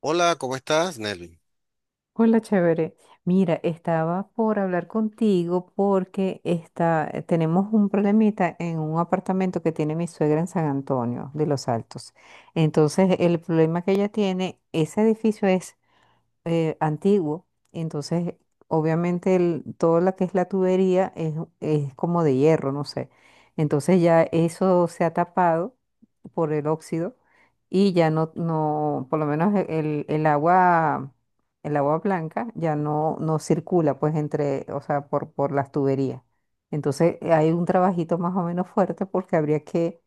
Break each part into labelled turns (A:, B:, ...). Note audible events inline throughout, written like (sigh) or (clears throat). A: Hola, ¿cómo estás, Nelly?
B: Hola, chévere. Mira, estaba por hablar contigo porque tenemos un problemita en un apartamento que tiene mi suegra en San Antonio de Los Altos. Entonces, el problema que ella tiene, ese edificio es antiguo. Entonces, obviamente, todo lo que es la tubería es como de hierro, no sé. Entonces ya eso se ha tapado por el óxido y ya no, no, por lo menos el agua, el agua blanca ya no circula, pues, entre, o sea, por las tuberías. Entonces, hay un trabajito más o menos fuerte porque habría que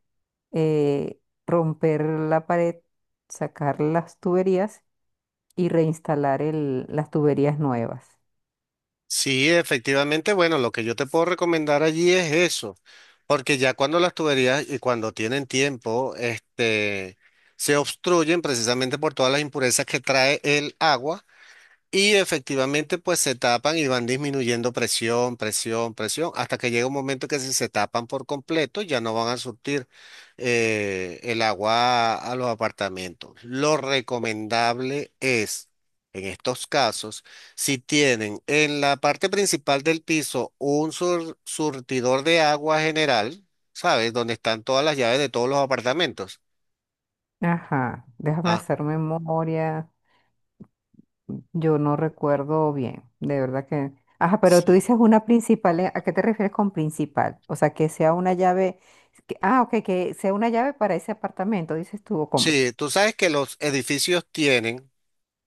B: eh, romper la pared, sacar las tuberías y reinstalar las tuberías nuevas.
A: Sí, efectivamente, bueno, lo que yo te puedo recomendar allí es eso, porque ya cuando las tuberías y cuando tienen tiempo, este, se obstruyen precisamente por todas las impurezas que trae el agua. Y efectivamente, pues se tapan y van disminuyendo presión, presión, presión, hasta que llega un momento que si se tapan por completo, ya no van a surtir el agua a los apartamentos. Lo recomendable es, en estos casos, si tienen en la parte principal del piso un surtidor de agua general, ¿sabes? Donde están todas las llaves de todos los apartamentos.
B: Ajá, déjame
A: Ah,
B: hacer memoria. Yo no recuerdo bien, de verdad que. Ajá, pero tú
A: sí.
B: dices una principal, ¿eh? ¿A qué te refieres con principal? O sea, que sea una llave. Ah, ok, que sea una llave para ese apartamento, dices tú, ¿o cómo?
A: Sí, tú sabes que los edificios tienen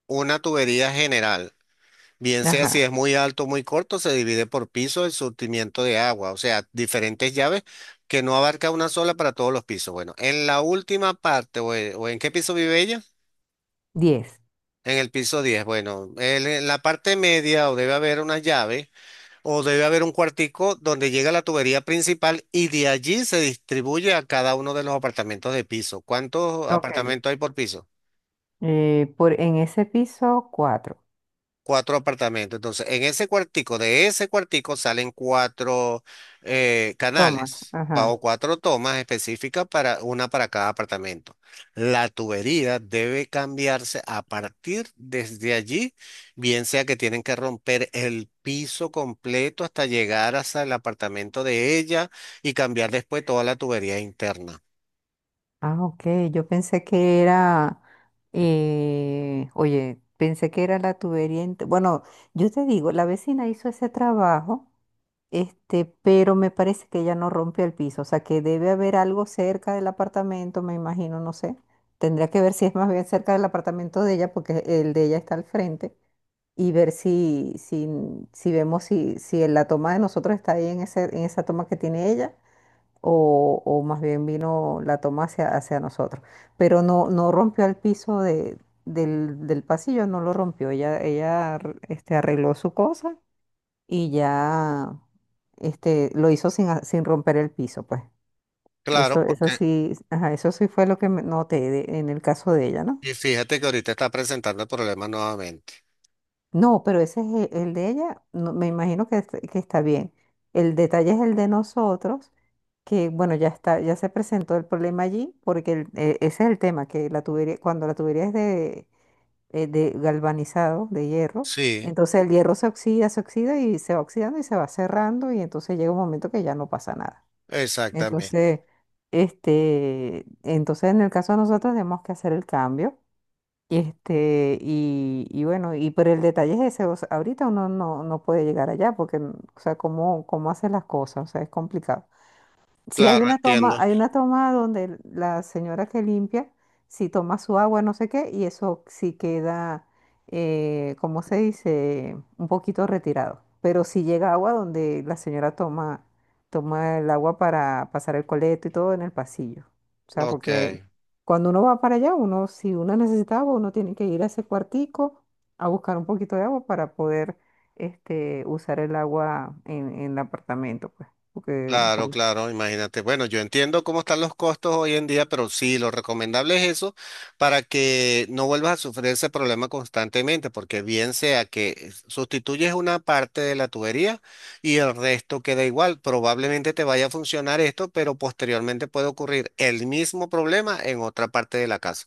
A: una tubería general, bien sea si es
B: Ajá,
A: muy alto o muy corto, se divide por piso el surtimiento de agua, o sea, diferentes llaves que no abarca una sola para todos los pisos. Bueno, en la última parte, o, o ¿en qué piso vive ella?
B: 10.
A: En el piso 10. Bueno, en la parte media o debe haber una llave o debe haber un cuartico donde llega la tubería principal y de allí se distribuye a cada uno de los apartamentos de piso. ¿Cuántos
B: Ok.
A: apartamentos hay por piso?
B: En ese piso, cuatro.
A: Cuatro apartamentos. Entonces, en ese cuartico, de ese cuartico salen cuatro
B: Toma,
A: canales o
B: ajá.
A: cuatro tomas específicas para una para cada apartamento. La tubería debe cambiarse a partir desde allí, bien sea que tienen que romper el piso completo hasta llegar hasta el apartamento de ella y cambiar después toda la tubería interna.
B: Ah, ok, yo pensé que era, oye, pensé que era la tubería. Bueno, yo te digo, la vecina hizo ese trabajo, pero me parece que ella no rompió el piso, o sea que debe haber algo cerca del apartamento, me imagino, no sé. Tendría que ver si es más bien cerca del apartamento de ella, porque el de ella está al frente, y ver si vemos si en la toma de nosotros está ahí en esa toma que tiene ella o más bien vino la toma hacia nosotros. Pero no, no rompió el piso del pasillo, no lo rompió. Ella arregló su cosa y ya lo hizo sin romper el piso, pues.
A: Claro,
B: Eso
A: porque
B: sí, ajá, eso sí fue lo que me noté en el caso de ella, ¿no?
A: y fíjate que ahorita está presentando el problema nuevamente.
B: No, pero ese es el de ella, me imagino que está bien. El detalle es el de nosotros, que bueno, ya está, ya se presentó el problema allí, porque ese es el tema, que la tubería, cuando la tubería es de galvanizado, de hierro,
A: Sí,
B: entonces el hierro se oxida y se va oxidando y se va cerrando, y entonces llega un momento que ya no pasa nada.
A: exactamente.
B: Entonces, entonces, en el caso de nosotros tenemos que hacer el cambio. Y bueno, y pero el detalle es ese, o sea, ahorita uno no puede llegar allá porque, o sea, cómo, cómo hace las cosas, o sea, es complicado. Sí, hay
A: Claro,
B: una toma,
A: entiendo.
B: hay una toma donde la señora que limpia, si toma su agua, no sé qué, y eso sí queda, ¿cómo se dice? Un poquito retirado. Pero sí llega agua donde la señora toma el agua para pasar el coleto y todo en el pasillo. O sea,
A: Ok,
B: porque cuando uno va para allá, si uno necesita agua, uno tiene que ir a ese cuartico a buscar un poquito de agua para poder, usar el agua en el apartamento, pues porque,
A: claro,
B: por.
A: claro, imagínate. Bueno, yo entiendo cómo están los costos hoy en día, pero sí, lo recomendable es eso para que no vuelvas a sufrir ese problema constantemente, porque bien sea que sustituyes una parte de la tubería y el resto queda igual, probablemente te vaya a funcionar esto, pero posteriormente puede ocurrir el mismo problema en otra parte de la casa.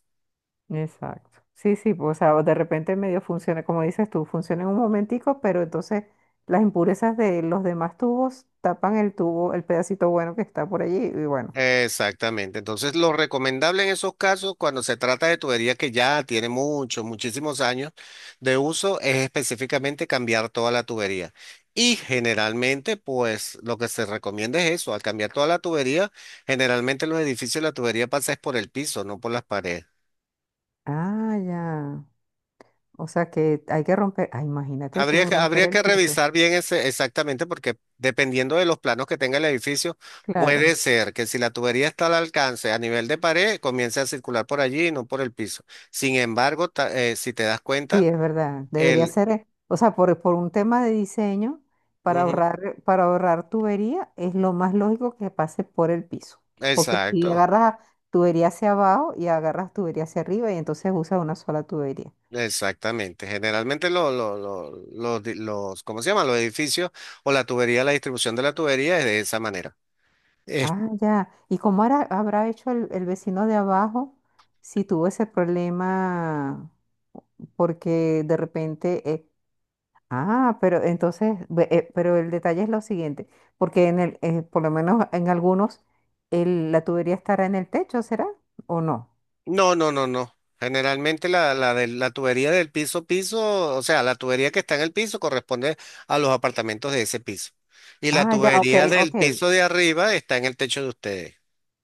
B: Exacto. Sí, sí, pues, o sea, o de repente medio funciona, como dices tú, funciona en un momentico, pero entonces las impurezas de los demás tubos tapan el tubo, el pedacito bueno que está por allí, y bueno.
A: Exactamente. Entonces, lo recomendable en esos casos, cuando se trata de tubería que ya tiene muchos, muchísimos años de uso, es específicamente cambiar toda la tubería. Y generalmente, pues lo que se recomienda es eso, al cambiar toda la tubería, generalmente en los edificios la tubería pasa es por el piso, no por las paredes.
B: Ah, ya. O sea que hay que romper, ah, imagínate tú romper
A: Habría
B: el
A: que
B: piso.
A: revisar bien ese exactamente porque dependiendo de los planos que tenga el edificio, puede
B: Claro.
A: ser que si la tubería está al alcance a nivel de pared, comience a circular por allí y no por el piso. Sin embargo, si te das
B: Sí,
A: cuenta,
B: es verdad. Debería
A: el...
B: ser, o sea, por un tema de diseño, para
A: Ujú,
B: ahorrar, para ahorrar tubería, es lo más lógico que pase por el piso. Porque si
A: exacto,
B: agarras tubería hacia abajo y agarras tubería hacia arriba, y entonces usas una sola tubería.
A: exactamente. Generalmente los, los, ¿cómo se llama? Los edificios o la tubería, la distribución de la tubería es de esa manera.
B: Ah, ya. ¿Y cómo habrá hecho el vecino de abajo si tuvo ese problema? Porque de repente ah, pero entonces, pero el detalle es lo siguiente, porque por lo menos en algunos, la tubería estará en el techo, ¿será? ¿O no?
A: No. Generalmente la tubería del piso piso, o sea, la tubería que está en el piso corresponde a los apartamentos de ese piso. Y la
B: Ah, ya, ok,
A: tubería del
B: ok.
A: piso de arriba está en el techo de ustedes,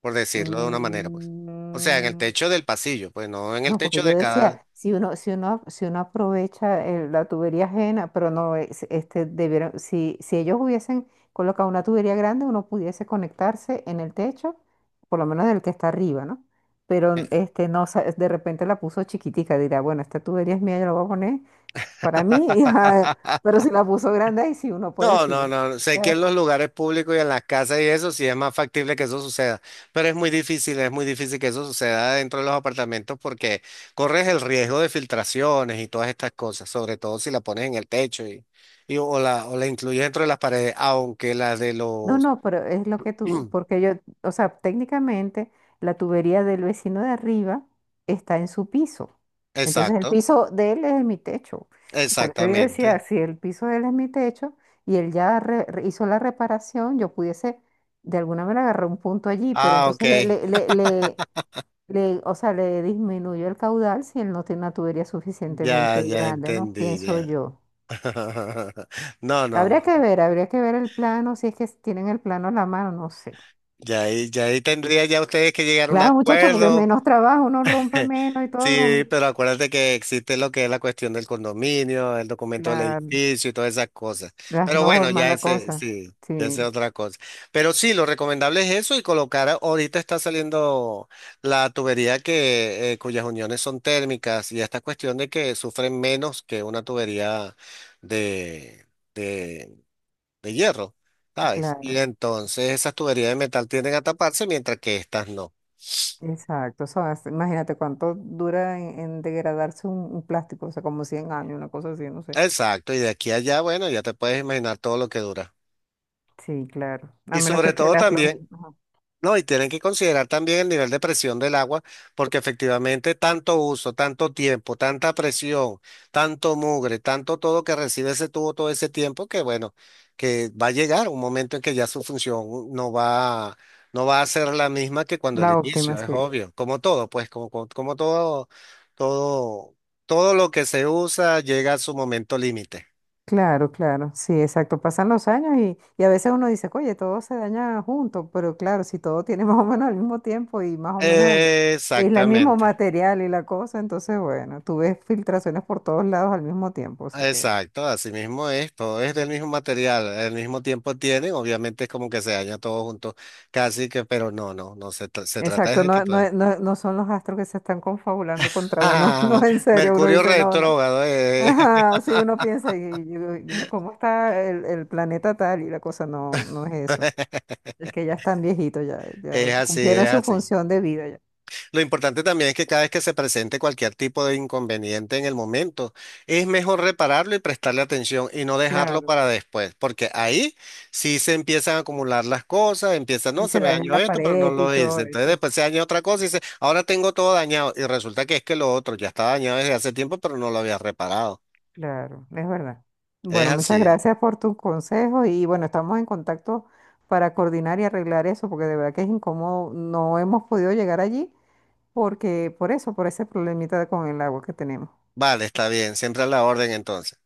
A: por decirlo de una manera, pues. O sea, en el
B: Mm,
A: techo del pasillo, pues no en el
B: no,
A: techo
B: porque
A: de
B: yo
A: cada...
B: decía, si uno aprovecha la tubería ajena, pero no, debieron, si ellos hubiesen colocado una tubería grande, uno pudiese conectarse en el techo, por lo menos del que está arriba, ¿no? Pero no, de repente la puso chiquitica, dirá, bueno, esta tubería es mía, yo la voy a poner para mí, (laughs) y, ah,
A: (laughs)
B: pero si la puso grande, ahí sí uno puede
A: No,
B: decir,
A: no,
B: bueno.
A: no. no, Sé que en los lugares públicos y en las casas y eso sí es más factible que eso suceda, pero es muy difícil que eso suceda dentro de los apartamentos porque corres el riesgo de filtraciones y todas estas cosas, sobre todo si la pones en el techo y o la incluyes dentro de las paredes, aunque las de
B: No,
A: los...
B: no, pero es lo que tú,
A: (clears throat)
B: porque yo, o sea, técnicamente la tubería del vecino de arriba está en su piso. Entonces el
A: Exacto,
B: piso de él es mi techo. Por eso yo decía,
A: exactamente.
B: si el piso de él es mi techo y él ya hizo la reparación, yo pudiese de alguna manera agarrar un punto allí, pero
A: Ah, ok.
B: entonces, o sea, le disminuyó el caudal si él no tiene una tubería
A: Ya,
B: suficientemente
A: ya
B: grande, ¿no?
A: entendí,
B: Pienso
A: ya.
B: yo.
A: (laughs) No.
B: Habría que ver el plano, si es que tienen el plano a la mano, no sé.
A: Ya ahí tendría ya ustedes que llegar a un
B: Claro, muchachos, porque
A: acuerdo.
B: menos trabajo, uno rompe
A: (laughs)
B: menos y todo,
A: Sí,
B: broma.
A: pero acuérdate que existe lo que es la cuestión del condominio, el documento del
B: La-
A: edificio y todas esas cosas.
B: las
A: Pero bueno,
B: normas,
A: ya
B: la
A: ese,
B: cosa.
A: sí, ya ese es
B: Sí,
A: otra cosa. Pero sí, lo recomendable es eso y colocar, ahorita está saliendo la tubería que, cuyas uniones son térmicas y esta cuestión de que sufren menos que una tubería de, de, de hierro, ¿sabes? Y
B: claro,
A: entonces esas tuberías de metal tienden a taparse mientras que estas no.
B: exacto. Eso imagínate cuánto dura en degradarse un plástico, o sea, como 100 años, una cosa así, no sé.
A: Exacto, y de aquí a allá, bueno, ya te puedes imaginar todo lo que dura.
B: Sí, claro. A
A: Y
B: menos que
A: sobre
B: sea
A: todo
B: la floja.
A: también, no, y tienen que considerar también el nivel de presión del agua, porque efectivamente tanto uso, tanto tiempo, tanta presión, tanto mugre, tanto todo que recibe ese tubo todo ese tiempo, que bueno, que va a llegar un momento en que ya su función no va, no va a ser la misma que cuando el
B: La óptima,
A: inicio, es
B: sí.
A: obvio, como todo, pues como, como todo, todo, todo lo que se usa llega a su momento límite.
B: Claro, claro, sí, exacto. Pasan los años y a veces uno dice, oye, todo se daña junto, pero claro, si todo tiene (laughs) más o menos el mismo tiempo y más o menos el mismo
A: Exactamente,
B: material y la cosa, entonces, bueno, tú ves filtraciones por todos lados al mismo tiempo, o sea que,
A: exacto, así mismo es, todo es del mismo material, el mismo tiempo tienen, obviamente es como que se daña todo junto, casi que, pero no, se, se trata
B: exacto,
A: de que
B: no,
A: todo
B: no,
A: es.
B: no, no son los astros que se están confabulando contra uno, (laughs) no,
A: (laughs)
B: en serio, uno
A: Mercurio
B: dice, no, no.
A: retrógrado,
B: Ajá, sí, uno piensa, y cómo está el planeta tal y la cosa, no, no es eso.
A: (laughs)
B: Es que ya están viejitos, ya, ya
A: es así, es
B: cumplieron su
A: así.
B: función de vida.
A: Lo importante también es que cada vez que se presente cualquier tipo de inconveniente en el momento, es mejor repararlo y prestarle atención y no dejarlo
B: Claro,
A: para después, porque ahí sí se empiezan a acumular las cosas, empieza, no,
B: y
A: se
B: se
A: me
B: daña
A: dañó
B: la
A: esto, pero no
B: pared y
A: lo hice.
B: todo
A: Entonces
B: eso.
A: después se daña otra cosa y dice, ahora tengo todo dañado. Y resulta que es que lo otro ya estaba dañado desde hace tiempo, pero no lo había reparado.
B: Claro, es verdad.
A: Es
B: Bueno, muchas
A: así.
B: gracias por tus consejos y bueno, estamos en contacto para coordinar y arreglar eso, porque de verdad que es incómodo. No hemos podido llegar allí porque por eso, por ese problemita con el agua que tenemos.
A: Vale, está bien, siempre a la orden entonces.